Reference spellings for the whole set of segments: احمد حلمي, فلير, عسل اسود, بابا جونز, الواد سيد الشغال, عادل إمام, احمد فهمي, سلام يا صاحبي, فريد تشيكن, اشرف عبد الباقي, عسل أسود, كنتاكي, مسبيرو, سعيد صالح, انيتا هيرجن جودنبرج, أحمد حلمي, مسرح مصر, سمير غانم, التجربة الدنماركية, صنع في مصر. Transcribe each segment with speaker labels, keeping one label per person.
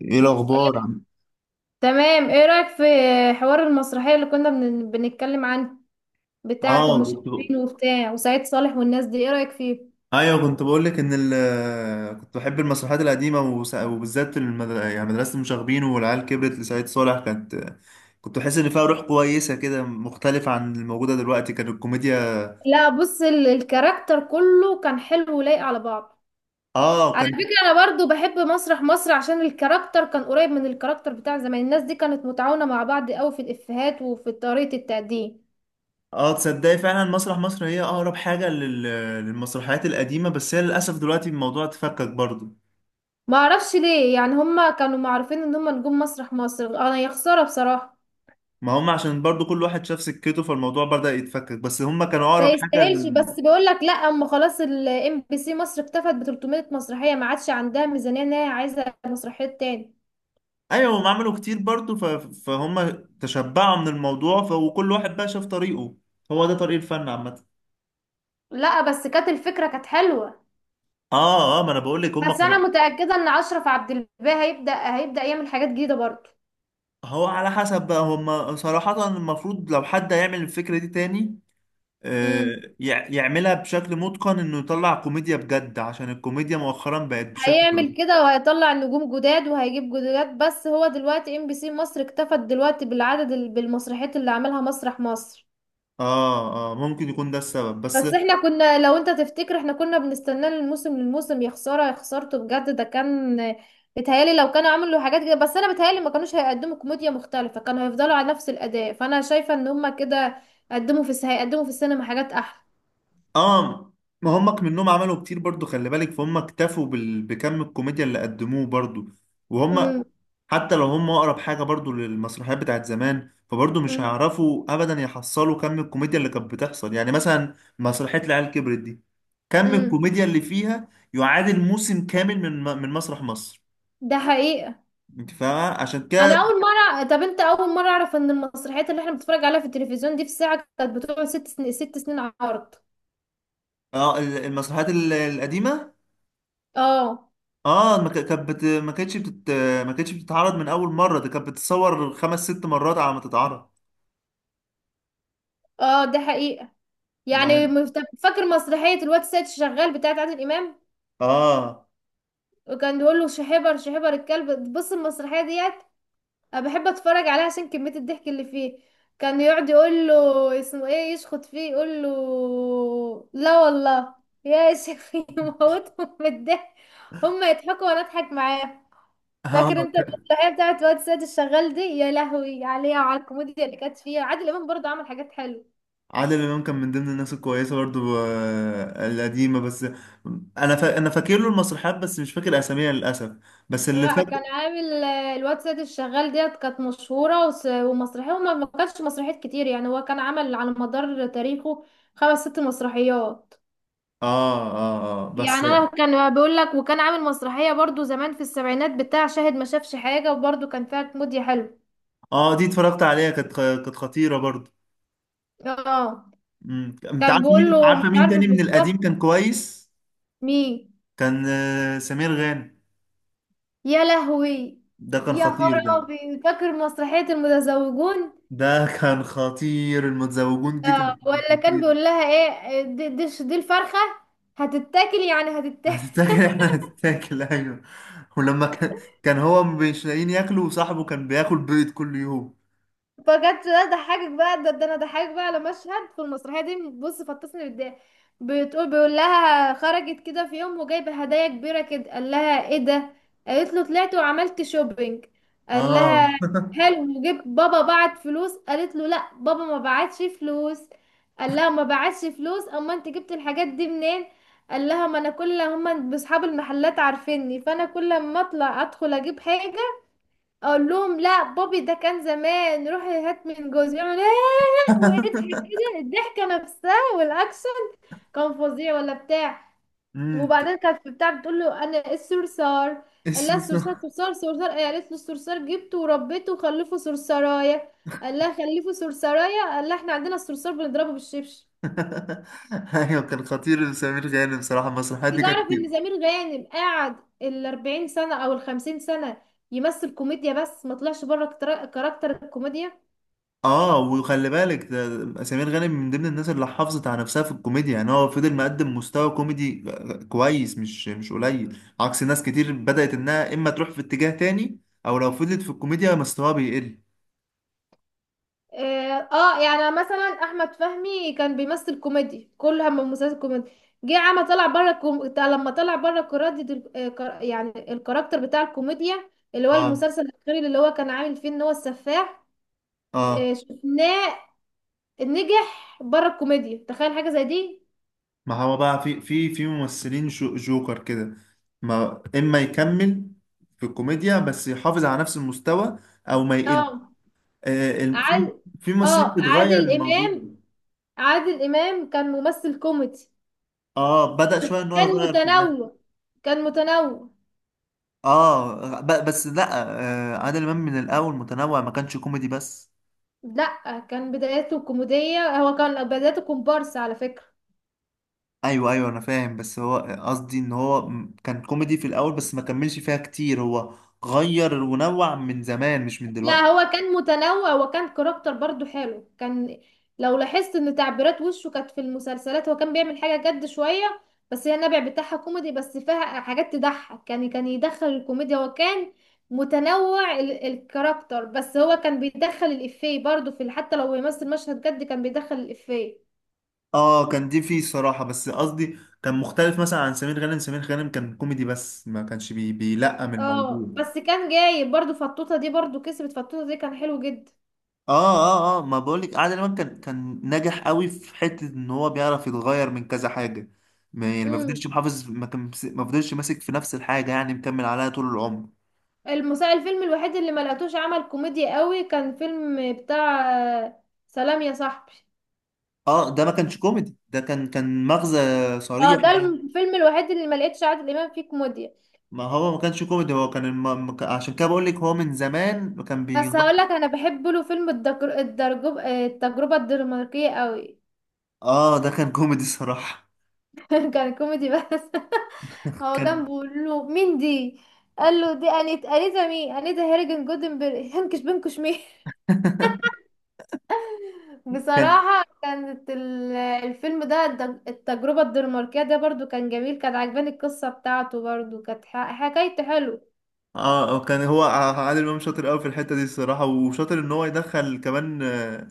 Speaker 1: ايه الاخبار عم؟
Speaker 2: تمام، ايه رأيك في حوار المسرحية اللي كنا بنتكلم عنه، بتاعة
Speaker 1: اه كنت
Speaker 2: المشرفين وبتاع وسعيد صالح والناس دي؟ ايه رأيك فيه؟
Speaker 1: ايوه كنت بقول لك ان كنت بحب المسرحيات القديمه وبالذات يعني مدرسه المشاغبين والعيال كبرت لسعيد صالح، كنت بحس ان فيها روح كويسه كده مختلفه عن الموجوده دلوقتي، كان الكوميديا.
Speaker 2: لا بص، الكاركتر كله كان حلو ولايق على بعض.
Speaker 1: اه
Speaker 2: على
Speaker 1: كان
Speaker 2: فكرة انا برضو بحب مسرح مصر عشان الكاركتر كان قريب من الكاركتر بتاع زمان. الناس دي كانت متعاونة مع بعض قوي في الافيهات وفي طريقة التقديم.
Speaker 1: اه تصدقي فعلا مسرح مصر هي اقرب حاجه للمسرحيات القديمه، بس هي للاسف دلوقتي الموضوع اتفكك برضه.
Speaker 2: ما اعرفش ليه، يعني هما كانوا معروفين ان هما نجوم مسرح مصر. انا يا خسارة بصراحة
Speaker 1: ما هم عشان برضه كل واحد شاف سكته فالموضوع بدأ يتفكك، بس هم كانوا
Speaker 2: ما
Speaker 1: اقرب حاجه.
Speaker 2: يستاهلش. بس بيقول لك لا، اما خلاص الام بي سي مصر اكتفت ب 300 مسرحيه، ما عادش عندها ميزانيه ان هي عايزه مسرحيات تاني.
Speaker 1: ايوه هم عملوا كتير برضو فهم تشبعوا من الموضوع وكل واحد بقى شاف طريقه، هو ده طريق الفن عامة.
Speaker 2: لا بس كانت الفكرة كانت حلوة.
Speaker 1: اه ما انا بقول لك هم
Speaker 2: بس انا
Speaker 1: كانوا.
Speaker 2: متاكده ان اشرف عبد الباقي هيبدا يعمل حاجات جديده برضه.
Speaker 1: هو على حسب بقى، هم صراحة المفروض لو حد هيعمل الفكرة دي تاني،
Speaker 2: امم
Speaker 1: آه يعملها بشكل متقن، انه يطلع كوميديا بجد عشان الكوميديا مؤخرا بقت بشكل.
Speaker 2: هيعمل كده وهيطلع نجوم جداد وهيجيب جداد، بس هو دلوقتي ام بي سي مصر اكتفت دلوقتي بالعدد بالمسرحيات اللي عملها مسرح مصر.
Speaker 1: اه ممكن يكون ده السبب بس.
Speaker 2: بس احنا كنا، لو انت تفتكر، احنا كنا بنستناه من الموسم للموسم. يا خساره يا خسارته بجد، ده كان بيتهيالي لو كانوا عملوا حاجات كده. بس انا بيتهيالي ما كانوش هيقدموا كوميديا مختلفه، كانوا هيفضلوا على نفس الاداء. فانا شايفه ان هما كده قدموا هيقدموا في السينما حاجات احلى.
Speaker 1: اه ما هم منهم عملوا كتير برضو، خلي بالك، فهم اكتفوا بكم الكوميديا اللي قدموه برضو. وهم
Speaker 2: امم
Speaker 1: حتى لو هم اقرب حاجه برضو للمسرحيات بتاعت زمان، فبرضو مش
Speaker 2: امم
Speaker 1: هيعرفوا ابدا يحصلوا كم الكوميديا اللي كانت بتحصل، يعني مثلا مسرحيه العيال كبرت دي، كم
Speaker 2: امم
Speaker 1: الكوميديا اللي فيها يعادل موسم كامل من من مسرح مصر.
Speaker 2: ده حقيقه.
Speaker 1: انت فاهمه؟ عشان
Speaker 2: انا
Speaker 1: كده.
Speaker 2: اول مره، طب انت اول مره اعرف ان المسرحيات اللي احنا بنتفرج عليها في التلفزيون دي في الساعه كانت بتقعد 6 سنين، 6 سنين عرض.
Speaker 1: اه المسرحيات القديمه.
Speaker 2: اه.
Speaker 1: اه ما كانتش بتتعرض من اول مره، ده كانت بتتصور خمس ست مرات على ما تتعرض.
Speaker 2: اه ده حقيقه. يعني
Speaker 1: يعني
Speaker 2: فاكر مسرحية الواد سيد شغال بتاعت عادل إمام؟
Speaker 1: اه.
Speaker 2: وكان بيقول له شحبر، شحبر الكلب. بص المسرحية ديت أنا بحب أتفرج عليها عشان كمية الضحك اللي فيه. كان يقعد يقول له اسمه ايه، يشخط فيه يقول له لا والله، يا شيخ يموتهم من الضحك. هما يضحكوا وانا اضحك معاه.
Speaker 1: اه
Speaker 2: فاكر انت المسرحية بتاعت الواد سيد الشغال دي؟ يا لهوي عليها وعلى الكوميديا اللي كانت فيها. عادل إمام برضه عمل حاجات حلوة.
Speaker 1: عادل امام كان من ضمن الناس الكويسه برضو، القديمه بس. انا فاكر له المسرحيات بس مش فاكر اساميها للاسف، بس اللي
Speaker 2: لا
Speaker 1: فاكر.
Speaker 2: كان عامل، الواد سيد الشغال ديت كانت مشهورة ومسرحية. وما ما كانش مسرحيات كتير يعني، هو كان عمل على مدار تاريخه خمس ست مسرحيات.
Speaker 1: اه بس.
Speaker 2: يعني انا كان بقول لك، وكان عامل مسرحية برضو زمان في السبعينات بتاع شاهد ما شافش حاجة، وبرضو كان فيها كوميديا حلو.
Speaker 1: اه دي اتفرجت عليها، كانت كانت خطيره برضو.
Speaker 2: اه
Speaker 1: مم. انت
Speaker 2: كان
Speaker 1: عارفه
Speaker 2: بيقول
Speaker 1: مين؟
Speaker 2: له مش
Speaker 1: عارفه مين تاني
Speaker 2: عارفة في
Speaker 1: من القديم
Speaker 2: الشهر.
Speaker 1: كان كويس؟
Speaker 2: مين؟
Speaker 1: كان سمير غانم،
Speaker 2: يا لهوي.
Speaker 1: ده كان
Speaker 2: يا
Speaker 1: خطير ده.
Speaker 2: خرابي، فاكر مسرحية المتزوجون؟
Speaker 1: ده كان خطير، المتزوجون دي
Speaker 2: اه،
Speaker 1: كانت
Speaker 2: ولا كان
Speaker 1: خطير.
Speaker 2: بيقول لها ايه، دي الفرخة هتتاكل، يعني هتتاكل.
Speaker 1: هتتاكل، احنا هتتاكل ايوه. ولما كان هو مش لاقيين ياكلوا وصاحبه كان بياكل بيض كل يوم.
Speaker 2: فجت، ده ضحكك بقى، ده انا ضحكك بقى على مشهد في المسرحيه دي. بص فطسني بالضحك. بتقول بيقول لها، خرجت كده في يوم وجايبه هدايا كبيره كده قال لها ايه ده. قالت له طلعت وعملت شوبينج. قال لها
Speaker 1: اه.
Speaker 2: حلو، وجبت بابا بعت فلوس؟ قالت له لا بابا ما بعتش فلوس. قال لها ما بعتش فلوس، اما انت جبت الحاجات دي منين؟ قال لها ما انا كل، هما اصحاب المحلات عارفيني، فانا كل ما اطلع ادخل اجيب حاجه اقول لهم لا بابي ده كان زمان روحي هات من جوزي. يعمل ايه ويضحك كده الضحكه نفسها والاكشن. كان فظيع ولا بتاع.
Speaker 1: امم.
Speaker 2: وبعدين كانت في بتاع، بتقول له انا الصرصار. قال لها
Speaker 1: اسمه
Speaker 2: الصرصار، صرصار صرصار إيه؟ قالت له الصرصار جبته وربيته وخلفه صرصرايه. قال لها خلفه صرصرايه؟ قال لها احنا عندنا الصرصار بنضربه بالشبشب.
Speaker 1: ايوه كان خطير سمير غانم بصراحه، المسرحيات
Speaker 2: انت
Speaker 1: دي كانت
Speaker 2: تعرف
Speaker 1: كتير.
Speaker 2: ان سمير غانم قعد ال 40 سنه او ال 50 سنه يمثل كوميديا، بس ما طلعش بره كاركتر الكوميديا.
Speaker 1: اه وخلي بالك، ده سمير غانم من ضمن الناس اللي حافظت على نفسها في الكوميديا، يعني هو فضل مقدم مستوى كوميدي كويس، مش قليل، عكس ناس كتير بدأت انها اما تروح في اتجاه تاني او لو فضلت في الكوميديا مستواها بيقل.
Speaker 2: اه، يعني مثلا احمد فهمي كان بيمثل كوميدي، كل هم مسلسل كوميدي. جه عمل طلع بره لما طلع بره كرادة ال... آه، كر... يعني الكاركتر بتاع الكوميديا، اللي هو
Speaker 1: اه.
Speaker 2: المسلسل الاخير اللي هو كان عامل فيه ان هو السفاح.
Speaker 1: اه
Speaker 2: شفناه. نجح بره الكوميديا، تخيل حاجة زي دي.
Speaker 1: ما هو بقى في ممثلين جوكر كده، ما اما يكمل في الكوميديا بس يحافظ على نفس المستوى او ما يقل.
Speaker 2: اه.
Speaker 1: آه في،
Speaker 2: عاد
Speaker 1: في ممثلين
Speaker 2: اه
Speaker 1: بتغير
Speaker 2: عادل
Speaker 1: الموضوع.
Speaker 2: امام، عادل امام كان ممثل كوميدي.
Speaker 1: اه بدأ شويه ان هو
Speaker 2: كان
Speaker 1: يغير في الاخر.
Speaker 2: متنوع. كان متنوع.
Speaker 1: اه بس لا، آه عادل امام من الاول متنوع، ما كانش كوميدي بس.
Speaker 2: لا كان بداياته كوميدية، هو كان بدايته كومبارس على فكرة.
Speaker 1: ايوه انا فاهم، بس هو قصدي ان هو كان كوميدي في الاول بس ما كملش فيها كتير، هو غير ونوع من زمان مش من
Speaker 2: لا
Speaker 1: دلوقتي.
Speaker 2: هو كان متنوع، وكان كاركتر برضو حلو. كان لو لاحظت ان تعبيرات وشه كانت في المسلسلات، هو كان بيعمل حاجة جد شوية بس هي النبع بتاعها كوميدي، بس فيها حاجات تضحك. كان يدخل الكوميديا. هو كان متنوع ال الكاركتر، بس هو كان بيدخل الإفيه برضو في حتى لو بيمثل مشهد جد كان بيدخل الإفيه.
Speaker 1: اه كان دي فيه الصراحة، بس قصدي كان مختلف مثلا عن سمير غانم، سمير غانم كان كوميدي بس ما كانش بيلقم
Speaker 2: اه،
Speaker 1: الموضوع.
Speaker 2: بس كان جايب برضو فطوطة دي، برضو كسبت فطوطة دي كان حلو
Speaker 1: اه اه ما بقولك عادل امام كان ناجح قوي في حتة ان هو بيعرف يتغير من كذا حاجة، ما يعني ما
Speaker 2: جدا.
Speaker 1: فضلش محافظ، ما كان ما فضلش ماسك في نفس الحاجة يعني مكمل عليها طول العمر.
Speaker 2: الفيلم الوحيد اللي ما لقيتوش عمل كوميديا قوي كان فيلم بتاع، سلام يا صاحبي.
Speaker 1: اه ده ما كانش كوميدي، ده كان مغزى
Speaker 2: اه،
Speaker 1: صريح
Speaker 2: ده
Speaker 1: يعني.
Speaker 2: الفيلم الوحيد اللي ما لقيتش عادل امام فيه كوميديا.
Speaker 1: ما هو ما كانش كوميدي، هو كان الم... ما كان- عشان كده بقولك هو من زمان كان بيغير.
Speaker 2: بس هقول لك انا بحب له فيلم، الدجر... الدرجوب... آه، التجربه الدنماركيه قوي.
Speaker 1: اه ده كان كوميدي صراحة.
Speaker 2: كان كوميدي بس. هو كان
Speaker 1: كان.
Speaker 2: بيقول له مين دي. قال له دي انيت، انيتا مين، انيتا هيرجن جودنبرج هنكش بنكش مين.
Speaker 1: كان
Speaker 2: بصراحة كانت، الفيلم ده، التجربة الدنماركية ده برضو كان جميل. كان عجباني القصة بتاعته، برضو كانت حكايته حلو.
Speaker 1: اه كان هو عادل امام شاطر قوي في الحته دي الصراحه، وشاطر ان هو يدخل كمان،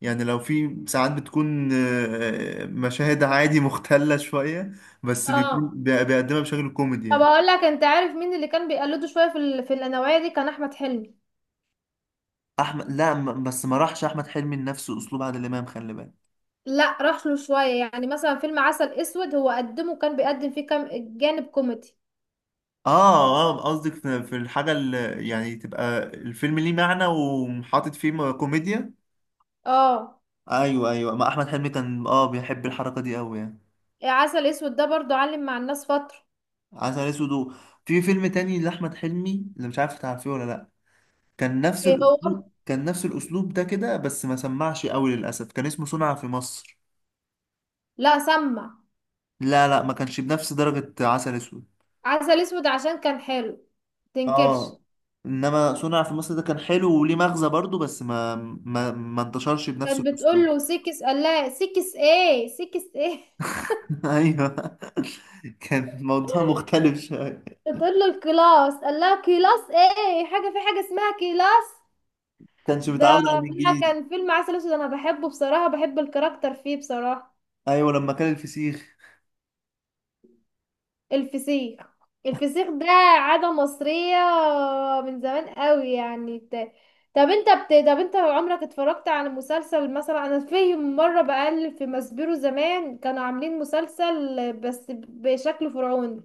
Speaker 1: يعني لو في ساعات بتكون مشاهد عادي مختله شويه بس بيكون
Speaker 2: اه.
Speaker 1: بيقدمها بشكل كوميدي
Speaker 2: طب
Speaker 1: يعني.
Speaker 2: اقول لك، انت عارف مين اللي كان بيقلده شوية في في النوعية دي؟ كان احمد حلمي.
Speaker 1: احمد لا بس ما راحش احمد حلمي لنفس اسلوب عادل امام، خلي بالك.
Speaker 2: لا راح له شوية، يعني مثلا فيلم عسل اسود هو قدمه، كان بيقدم فيه كام جانب كوميدي.
Speaker 1: اه قصدك في، في الحاجه اللي يعني تبقى الفيلم ليه معنى وحاطط فيه كوميديا.
Speaker 2: اه،
Speaker 1: ايوه ما احمد حلمي كان اه بيحب الحركه دي قوي يعني.
Speaker 2: عسل اسود ده برضو علم مع الناس فترة.
Speaker 1: عسل اسود في فيلم تاني لاحمد حلمي اللي مش عارف تعرفيه ولا لا، كان نفس
Speaker 2: ايه هو؟
Speaker 1: الاسلوب، كان نفس الاسلوب ده كده بس ما سمعش قوي للاسف، كان اسمه صنع في مصر.
Speaker 2: لا سمع.
Speaker 1: لا ما كانش بنفس درجة عسل اسود.
Speaker 2: عسل اسود عشان كان حلو. تنكرش.
Speaker 1: اه، انما صنع في مصر ده كان حلو وليه مغزى برضو، بس ما ما انتشرش بنفس
Speaker 2: كانت بتقول
Speaker 1: الاسلوب.
Speaker 2: له سيكس، قال لها سيكس ايه، سيكس ايه؟
Speaker 1: ايوه. كان الموضوع مختلف شويه.
Speaker 2: بتقول له الكلاس، قال لها كلاس ايه، حاجه في حاجه اسمها كلاس؟
Speaker 1: كانش متعود
Speaker 2: ده
Speaker 1: على
Speaker 2: لا،
Speaker 1: الانجليزي.
Speaker 2: كان فيلم عسل اسود انا بحبه بصراحه، بحب الكاركتر فيه بصراحه.
Speaker 1: ايوه لما كان الفسيخ.
Speaker 2: الفسيخ. الفسيخ ده عاده مصريه من زمان قوي، يعني طب انت طب انت عمرك اتفرجت على مسلسل مثلا؟ انا في مره بقلب في مسبيرو، زمان كانوا عاملين مسلسل بس بشكل فرعوني،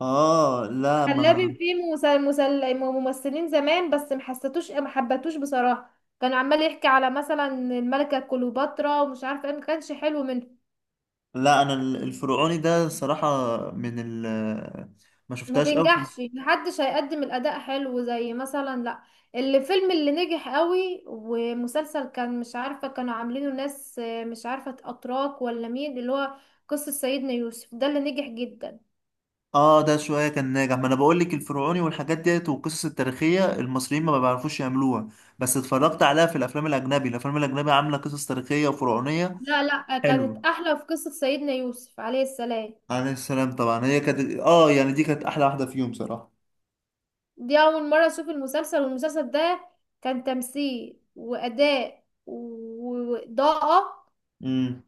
Speaker 1: اه لا
Speaker 2: حلابي
Speaker 1: ما.
Speaker 2: فيه ممثلين زمان، بس محسيتوش، ما حبتوش بصراحة. كان عمال يحكي على مثلا الملكة كليوباترا ومش عارفة ايه، ما كانش حلو منه.
Speaker 1: لا انا الفرعوني ده صراحة، من ال ما
Speaker 2: ما
Speaker 1: شفتهاش قوي
Speaker 2: تنجحش محدش هيقدم الأداء حلو زي مثلا، لا الفيلم اللي نجح قوي ومسلسل كان، مش عارفة كانوا عاملينه ناس، مش عارفة أتراك ولا مين اللي هو قصة سيدنا يوسف، ده اللي نجح جدا.
Speaker 1: اه ده شوية كان ناجح، ما انا بقول لك الفرعوني والحاجات ديت والقصص التاريخية المصريين ما بيعرفوش يعملوها، بس اتفرجت عليها في الافلام الاجنبي، الافلام الاجنبي عاملة قصص تاريخية وفرعونية
Speaker 2: لا لا، كانت
Speaker 1: حلوة.
Speaker 2: أحلى في قصة سيدنا يوسف عليه السلام.
Speaker 1: عليه السلام طبعا، هي كانت اه يعني دي كانت احلى واحدة فيهم صراحة.
Speaker 2: دي أول مرة أشوف المسلسل، والمسلسل ده كان تمثيل وأداء وإضاءة
Speaker 1: امم.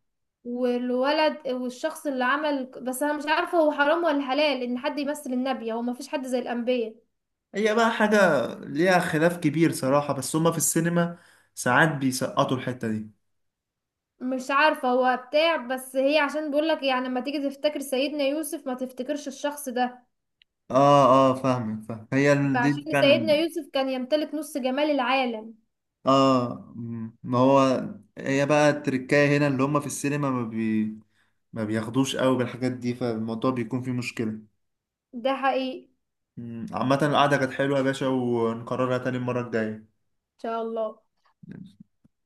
Speaker 2: والولد، والشخص اللي عمل، بس أنا مش عارفة هو حرام ولا حلال إن حد يمثل النبي، هو مفيش حد زي الأنبياء.
Speaker 1: هي بقى حاجة ليها خلاف كبير صراحة، بس هما في السينما ساعات بيسقطوا الحتة دي.
Speaker 2: مش عارفة هو بتاع، بس هي عشان بيقولك يعني لما تيجي تفتكر سيدنا يوسف ما تفتكرش الشخص ده.
Speaker 1: اه اه فاهمك، فاهم هي دي
Speaker 2: فعشان سيدنا
Speaker 1: فعلا.
Speaker 2: يوسف كان يمتلك نص جمال العالم.
Speaker 1: اه. مم. ما هو هي بقى التركاية هنا اللي هم في السينما ما بياخدوش قوي بالحاجات دي فالموضوع بيكون فيه مشكلة.
Speaker 2: ده حقيقي، إن
Speaker 1: مم. عامة القعدة كانت حلوة يا باشا، ونكررها تاني المرة الجاية.
Speaker 2: شاء الله.